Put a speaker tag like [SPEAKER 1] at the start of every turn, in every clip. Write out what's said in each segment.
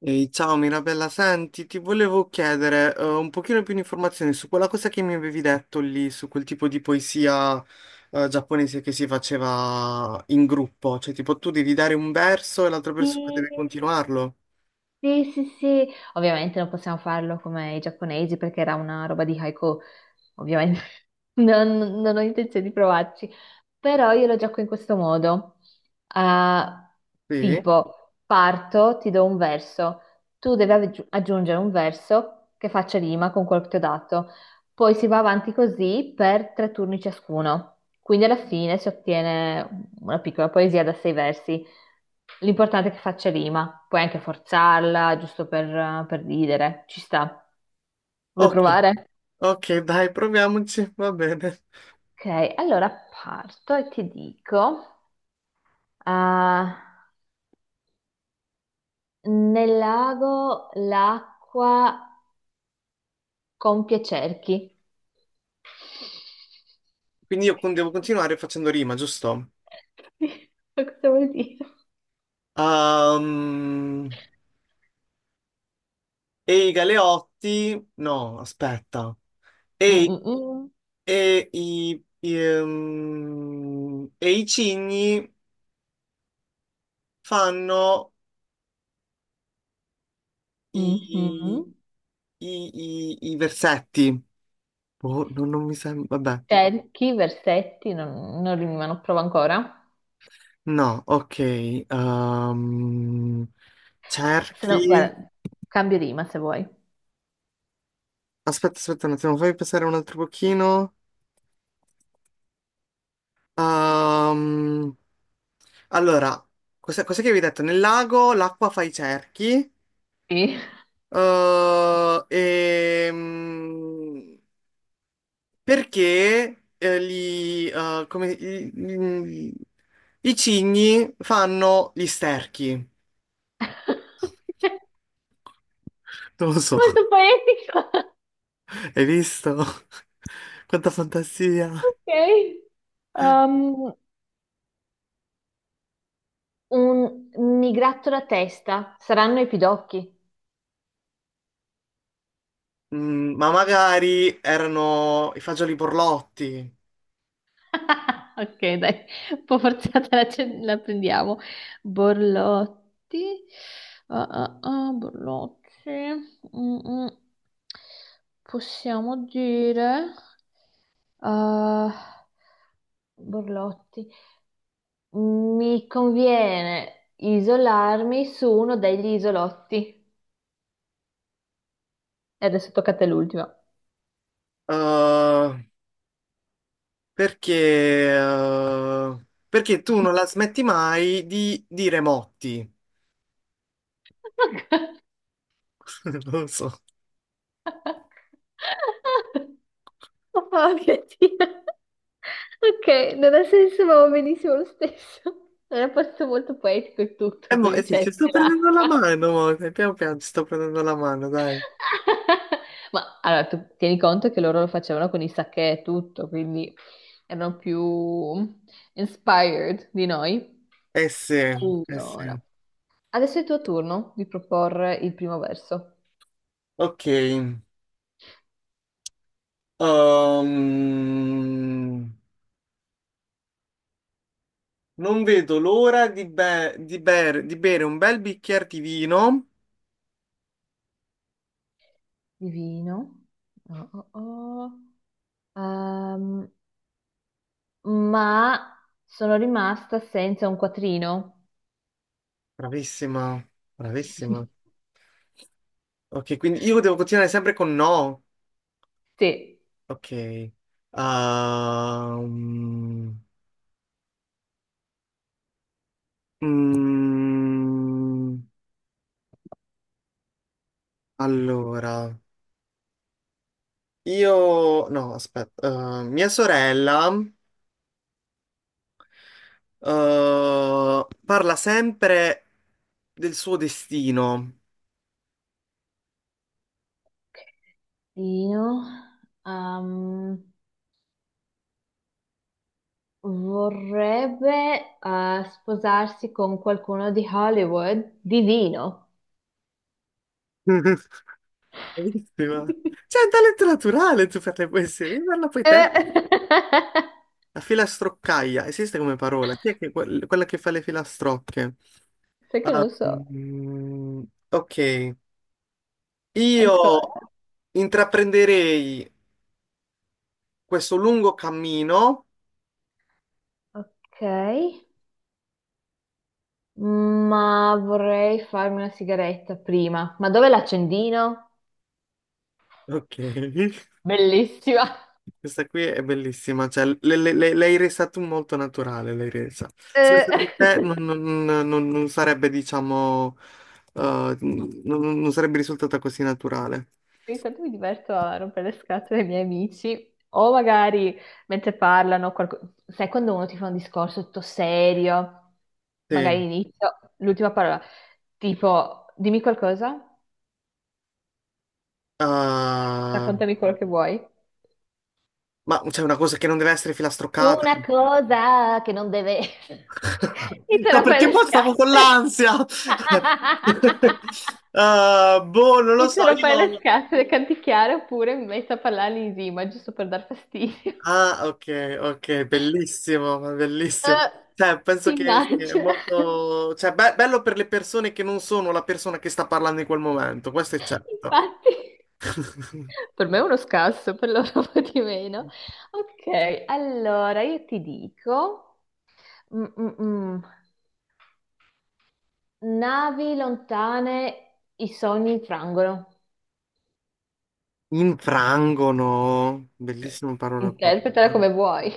[SPEAKER 1] Ehi, ciao Mirabella, senti, ti volevo chiedere un pochino più di informazioni su quella cosa che mi avevi detto lì, su quel tipo di poesia giapponese che si faceva in gruppo, cioè tipo tu devi dare un verso e l'altra
[SPEAKER 2] Sì,
[SPEAKER 1] persona deve continuarlo.
[SPEAKER 2] sì, sì, sì. Ovviamente non possiamo farlo come i giapponesi perché era una roba di haiku. Ovviamente non ho intenzione di provarci, però io lo gioco in questo modo. Ah,
[SPEAKER 1] Sì?
[SPEAKER 2] tipo, parto, ti do un verso, tu devi aggiungere un verso che faccia rima con quello che ti ho dato, poi si va avanti così per tre turni ciascuno, quindi alla fine si ottiene una piccola poesia da sei versi. L'importante è che faccia rima, puoi anche forzarla, giusto per ridere, ci sta. Vuoi
[SPEAKER 1] Ok,
[SPEAKER 2] provare?
[SPEAKER 1] ok, dai, proviamoci, va bene.
[SPEAKER 2] Ok, allora parto e ti dico, ah, nel lago l'acqua compie cerchi.
[SPEAKER 1] Quindi io devo continuare facendo rima, giusto?
[SPEAKER 2] Ma cosa vuol dire?
[SPEAKER 1] Ehm, Ehi Galeotti, no, aspetta.
[SPEAKER 2] Mm, mm,
[SPEAKER 1] E i cigni fanno i,
[SPEAKER 2] mm. Mhm.
[SPEAKER 1] i versetti. Boh, non, non mi sembra. Vabbè,
[SPEAKER 2] Cerchi, versetti, non rimano, provo ancora.
[SPEAKER 1] no, ok. ehm,
[SPEAKER 2] Se no,
[SPEAKER 1] cerchi.
[SPEAKER 2] guarda, cambio rima se vuoi.
[SPEAKER 1] Aspetta, aspetta un attimo, fammi pensare un altro pochino. Ehm, allora, cos'è che avevi detto? Nel lago l'acqua fa i cerchi.
[SPEAKER 2] Sì.
[SPEAKER 1] eh, ehm, perché gli, i cigni fanno gli sterchi. Non lo so.
[SPEAKER 2] Molto poetico.
[SPEAKER 1] Hai visto? Quanta fantasia.
[SPEAKER 2] Ok. Um, Un migrattolo a testa, saranno i pidocchi.
[SPEAKER 1] Mm, ma magari erano i fagioli borlotti.
[SPEAKER 2] Ok, dai, un po' forzata la, la prendiamo. Borlotti. Ah, ah, ah, Borlotti. Mm, mm. Possiamo dire, ah, Borlotti, mi conviene isolarmi su uno degli isolotti. E adesso tocca a te l'ultima.
[SPEAKER 1] Eh, perché tu non la smetti mai di dire motti. Non lo so.
[SPEAKER 2] Oh, mia Dio. Ok, non ha senso, ma va benissimo lo stesso. Era posto molto poetico e
[SPEAKER 1] E
[SPEAKER 2] tutto,
[SPEAKER 1] mo,
[SPEAKER 2] con
[SPEAKER 1] eh
[SPEAKER 2] i
[SPEAKER 1] sì, ci
[SPEAKER 2] getti
[SPEAKER 1] sto prendendo la
[SPEAKER 2] dell'acqua.
[SPEAKER 1] mano, mo. Piano piano ci sto prendendo la mano, dai.
[SPEAKER 2] Ma allora, tu tieni conto che loro lo facevano con i sacchè e tutto, quindi erano più inspired di noi.
[SPEAKER 1] Eh sì, eh
[SPEAKER 2] Allora,
[SPEAKER 1] sì.
[SPEAKER 2] adesso è il tuo turno di proporre il primo verso.
[SPEAKER 1] Ok. Non vedo l'ora di, bere un bel bicchiere di vino.
[SPEAKER 2] Divino. Oh, oh, oh. Ehm, ma sono rimasta senza un quattrino.
[SPEAKER 1] Bravissima, bravissima. Ok, quindi io devo continuare sempre con no.
[SPEAKER 2] Sì.
[SPEAKER 1] Ok. Mm, allora, io... No, aspetta. Mia sorella eh, parla sempre del suo destino.
[SPEAKER 2] Dino, ehm, vorrebbe sposarsi con qualcuno di Hollywood divino.
[SPEAKER 1] Bellissima. C'è un talento naturale tu per le poesie, devi farla poi te.
[SPEAKER 2] Eh,
[SPEAKER 1] La filastroccaia, esiste come parola? Chi è che- quel- quella che fa le filastrocche?
[SPEAKER 2] sai che non
[SPEAKER 1] Ah,
[SPEAKER 2] lo so
[SPEAKER 1] mm, ok. Io
[SPEAKER 2] ancora.
[SPEAKER 1] intraprenderei questo lungo cammino.
[SPEAKER 2] Ok, ma vorrei farmi una sigaretta prima. Ma dove l'accendino?
[SPEAKER 1] Ok.
[SPEAKER 2] Bellissima.
[SPEAKER 1] Questa qui è bellissima, cioè l'hai resa tu molto naturale, l'hai resa. Senza
[SPEAKER 2] Eh.
[SPEAKER 1] di te non sarebbe, diciamo, non sarebbe risultata così naturale.
[SPEAKER 2] Ogni tanto mi diverto a rompere le scatole ai miei amici, o magari mentre parlano, sai quando uno ti fa un discorso tutto serio, magari
[SPEAKER 1] Sì.
[SPEAKER 2] inizio, l'ultima parola, tipo dimmi qualcosa,
[SPEAKER 1] Ah,
[SPEAKER 2] raccontami quello che vuoi.
[SPEAKER 1] ma c'è una cosa che non deve essere filastroccata.
[SPEAKER 2] Una cosa che non deve. Mi te
[SPEAKER 1] No,
[SPEAKER 2] lo fai
[SPEAKER 1] perché
[SPEAKER 2] le
[SPEAKER 1] boh, stavo con
[SPEAKER 2] scatole.
[SPEAKER 1] l'ansia. Ah, boh, non
[SPEAKER 2] Mi
[SPEAKER 1] lo so,
[SPEAKER 2] te lo fai le
[SPEAKER 1] io...
[SPEAKER 2] scatole, canticchiare oppure mi metto a parlare in rima, giusto per dar fastidio.
[SPEAKER 1] Ah, ok, ok, bellissimo, ma bellissimo.
[SPEAKER 2] Eh,
[SPEAKER 1] Cioè, penso
[SPEAKER 2] ti
[SPEAKER 1] che sia
[SPEAKER 2] immagino.
[SPEAKER 1] molto... Cioè, bello per le persone che non sono la persona che sta parlando in quel momento, questo è certo.
[SPEAKER 2] Infatti, per me è uno scasso, per loro un po' di meno. Ok, allora io ti dico, mm, mm, mm. navi lontane, i sogni infrangono.
[SPEAKER 1] Infrangono,
[SPEAKER 2] Eh,
[SPEAKER 1] bellissima parola proprio.
[SPEAKER 2] Interpretala come vuoi.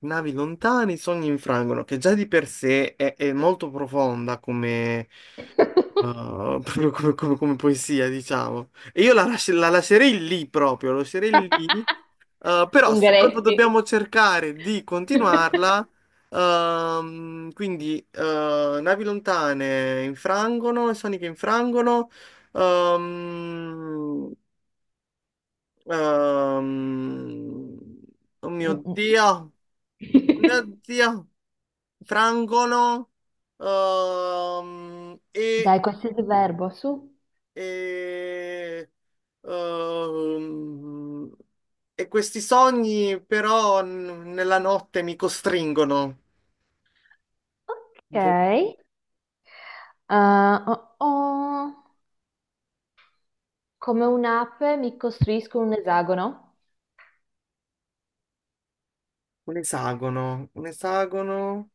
[SPEAKER 1] Navi lontane, i sogni infrangono, che già di per sé è molto profonda come, uh, proprio come, come poesia, diciamo. E io la lascerei lì proprio, la lascerei lì, però se proprio
[SPEAKER 2] Ungaretti.
[SPEAKER 1] dobbiamo cercare di continuarla, navi lontane infrangono, i sogni che infrangono, ehm, ehm, oh mio
[SPEAKER 2] Mm, mm.
[SPEAKER 1] Dio, oh mio Dio frangono ehm, e,
[SPEAKER 2] Dai, qualsiasi verbo, su.
[SPEAKER 1] e, ehm, e questi sogni però nella notte mi costringono. Un
[SPEAKER 2] Ok. Ah, oh, oh. Come un'ape mi costruisco un esagono.
[SPEAKER 1] un esagono, un esagono.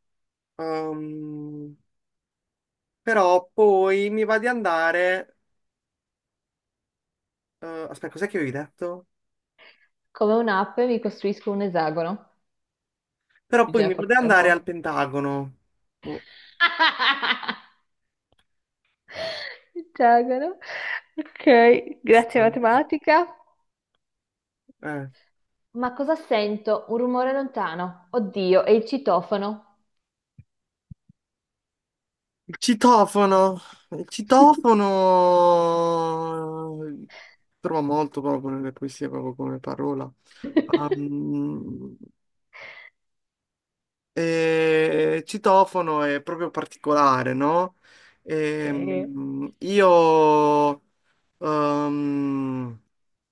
[SPEAKER 1] ehm, però poi mi va di andare. Eh, aspetta, cos'è che avevi detto?
[SPEAKER 2] Come un'ape mi costruisco un esagono.
[SPEAKER 1] Però poi
[SPEAKER 2] Bisogna
[SPEAKER 1] mi va di
[SPEAKER 2] forzare un
[SPEAKER 1] andare al
[SPEAKER 2] po'.
[SPEAKER 1] Pentagono. Boh,
[SPEAKER 2] Esagono. Ok, grazie
[SPEAKER 1] questo-
[SPEAKER 2] matematica.
[SPEAKER 1] eh.
[SPEAKER 2] Ma cosa sento? Un rumore lontano. Oddio, è il citofono.
[SPEAKER 1] Il citofono, il citofono trova molto proprio nelle poesie, proprio come parola. Um, e il citofono è proprio particolare, no?
[SPEAKER 2] Sì.
[SPEAKER 1] Ehm, io, um,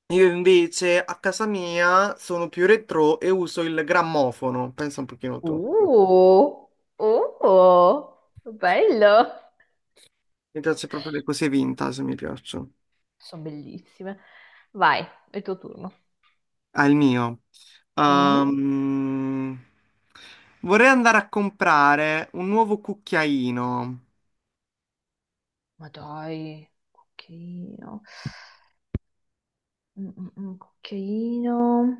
[SPEAKER 1] io invece a casa mia sono più retro e uso il grammofono, pensa un pochino tu.
[SPEAKER 2] Uh, uh, bello.
[SPEAKER 1] Mi piace proprio le cose vintage, mi piacciono.
[SPEAKER 2] Sono bellissime. Vai, è il tuo turno.
[SPEAKER 1] Al mio. Sì.
[SPEAKER 2] Mhm.
[SPEAKER 1] Ehm, vorrei andare a comprare un nuovo cucchiaino.
[SPEAKER 2] Ma dai, cucchiaino. Cucchiaino.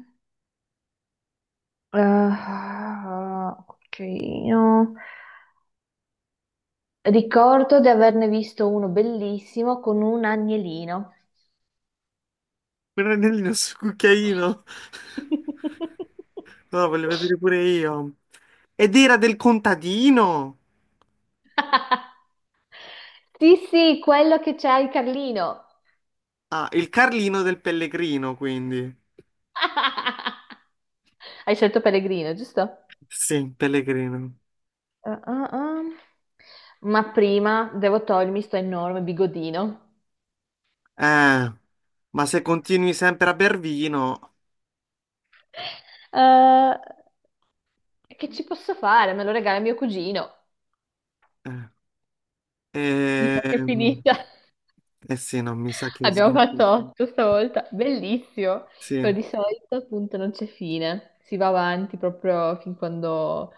[SPEAKER 2] Ah, ah, cucchiaino. Ricordo di averne visto uno bellissimo con un agnellino.
[SPEAKER 1] Per Renellino sul cucchiaino. No, voglio vedere pure io. Ed era del contadino.
[SPEAKER 2] Sì, sì, quello che c'ha il Carlino.
[SPEAKER 1] Ah, il Carlino del Pellegrino, quindi.
[SPEAKER 2] Hai scelto Pellegrino, giusto? Ah,
[SPEAKER 1] Sì, Pellegrino.
[SPEAKER 2] ah, ah. Ma prima devo togliermi sto enorme bigodino.
[SPEAKER 1] Eh, ma se continui sempre a ber vino...
[SPEAKER 2] Eh, e che ci posso fare? Me lo regala mio cugino.
[SPEAKER 1] Eh,
[SPEAKER 2] Mi sa che è
[SPEAKER 1] ehm,
[SPEAKER 2] finita.
[SPEAKER 1] eh sì, no, mi sa che sì.
[SPEAKER 2] Abbiamo fatto otto stavolta. Bellissimo. Però
[SPEAKER 1] Sì.
[SPEAKER 2] di solito appunto non c'è fine. Si va avanti proprio fin quando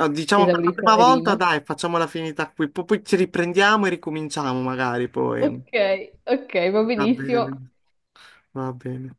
[SPEAKER 1] No,
[SPEAKER 2] si
[SPEAKER 1] diciamo per la
[SPEAKER 2] esaurisce
[SPEAKER 1] prima
[SPEAKER 2] la
[SPEAKER 1] volta,
[SPEAKER 2] rima.
[SPEAKER 1] dai, facciamola finita qui, poi, poi ci riprendiamo e ricominciamo magari poi.
[SPEAKER 2] Ok, ok, va
[SPEAKER 1] Va
[SPEAKER 2] benissimo.
[SPEAKER 1] bene, va bene.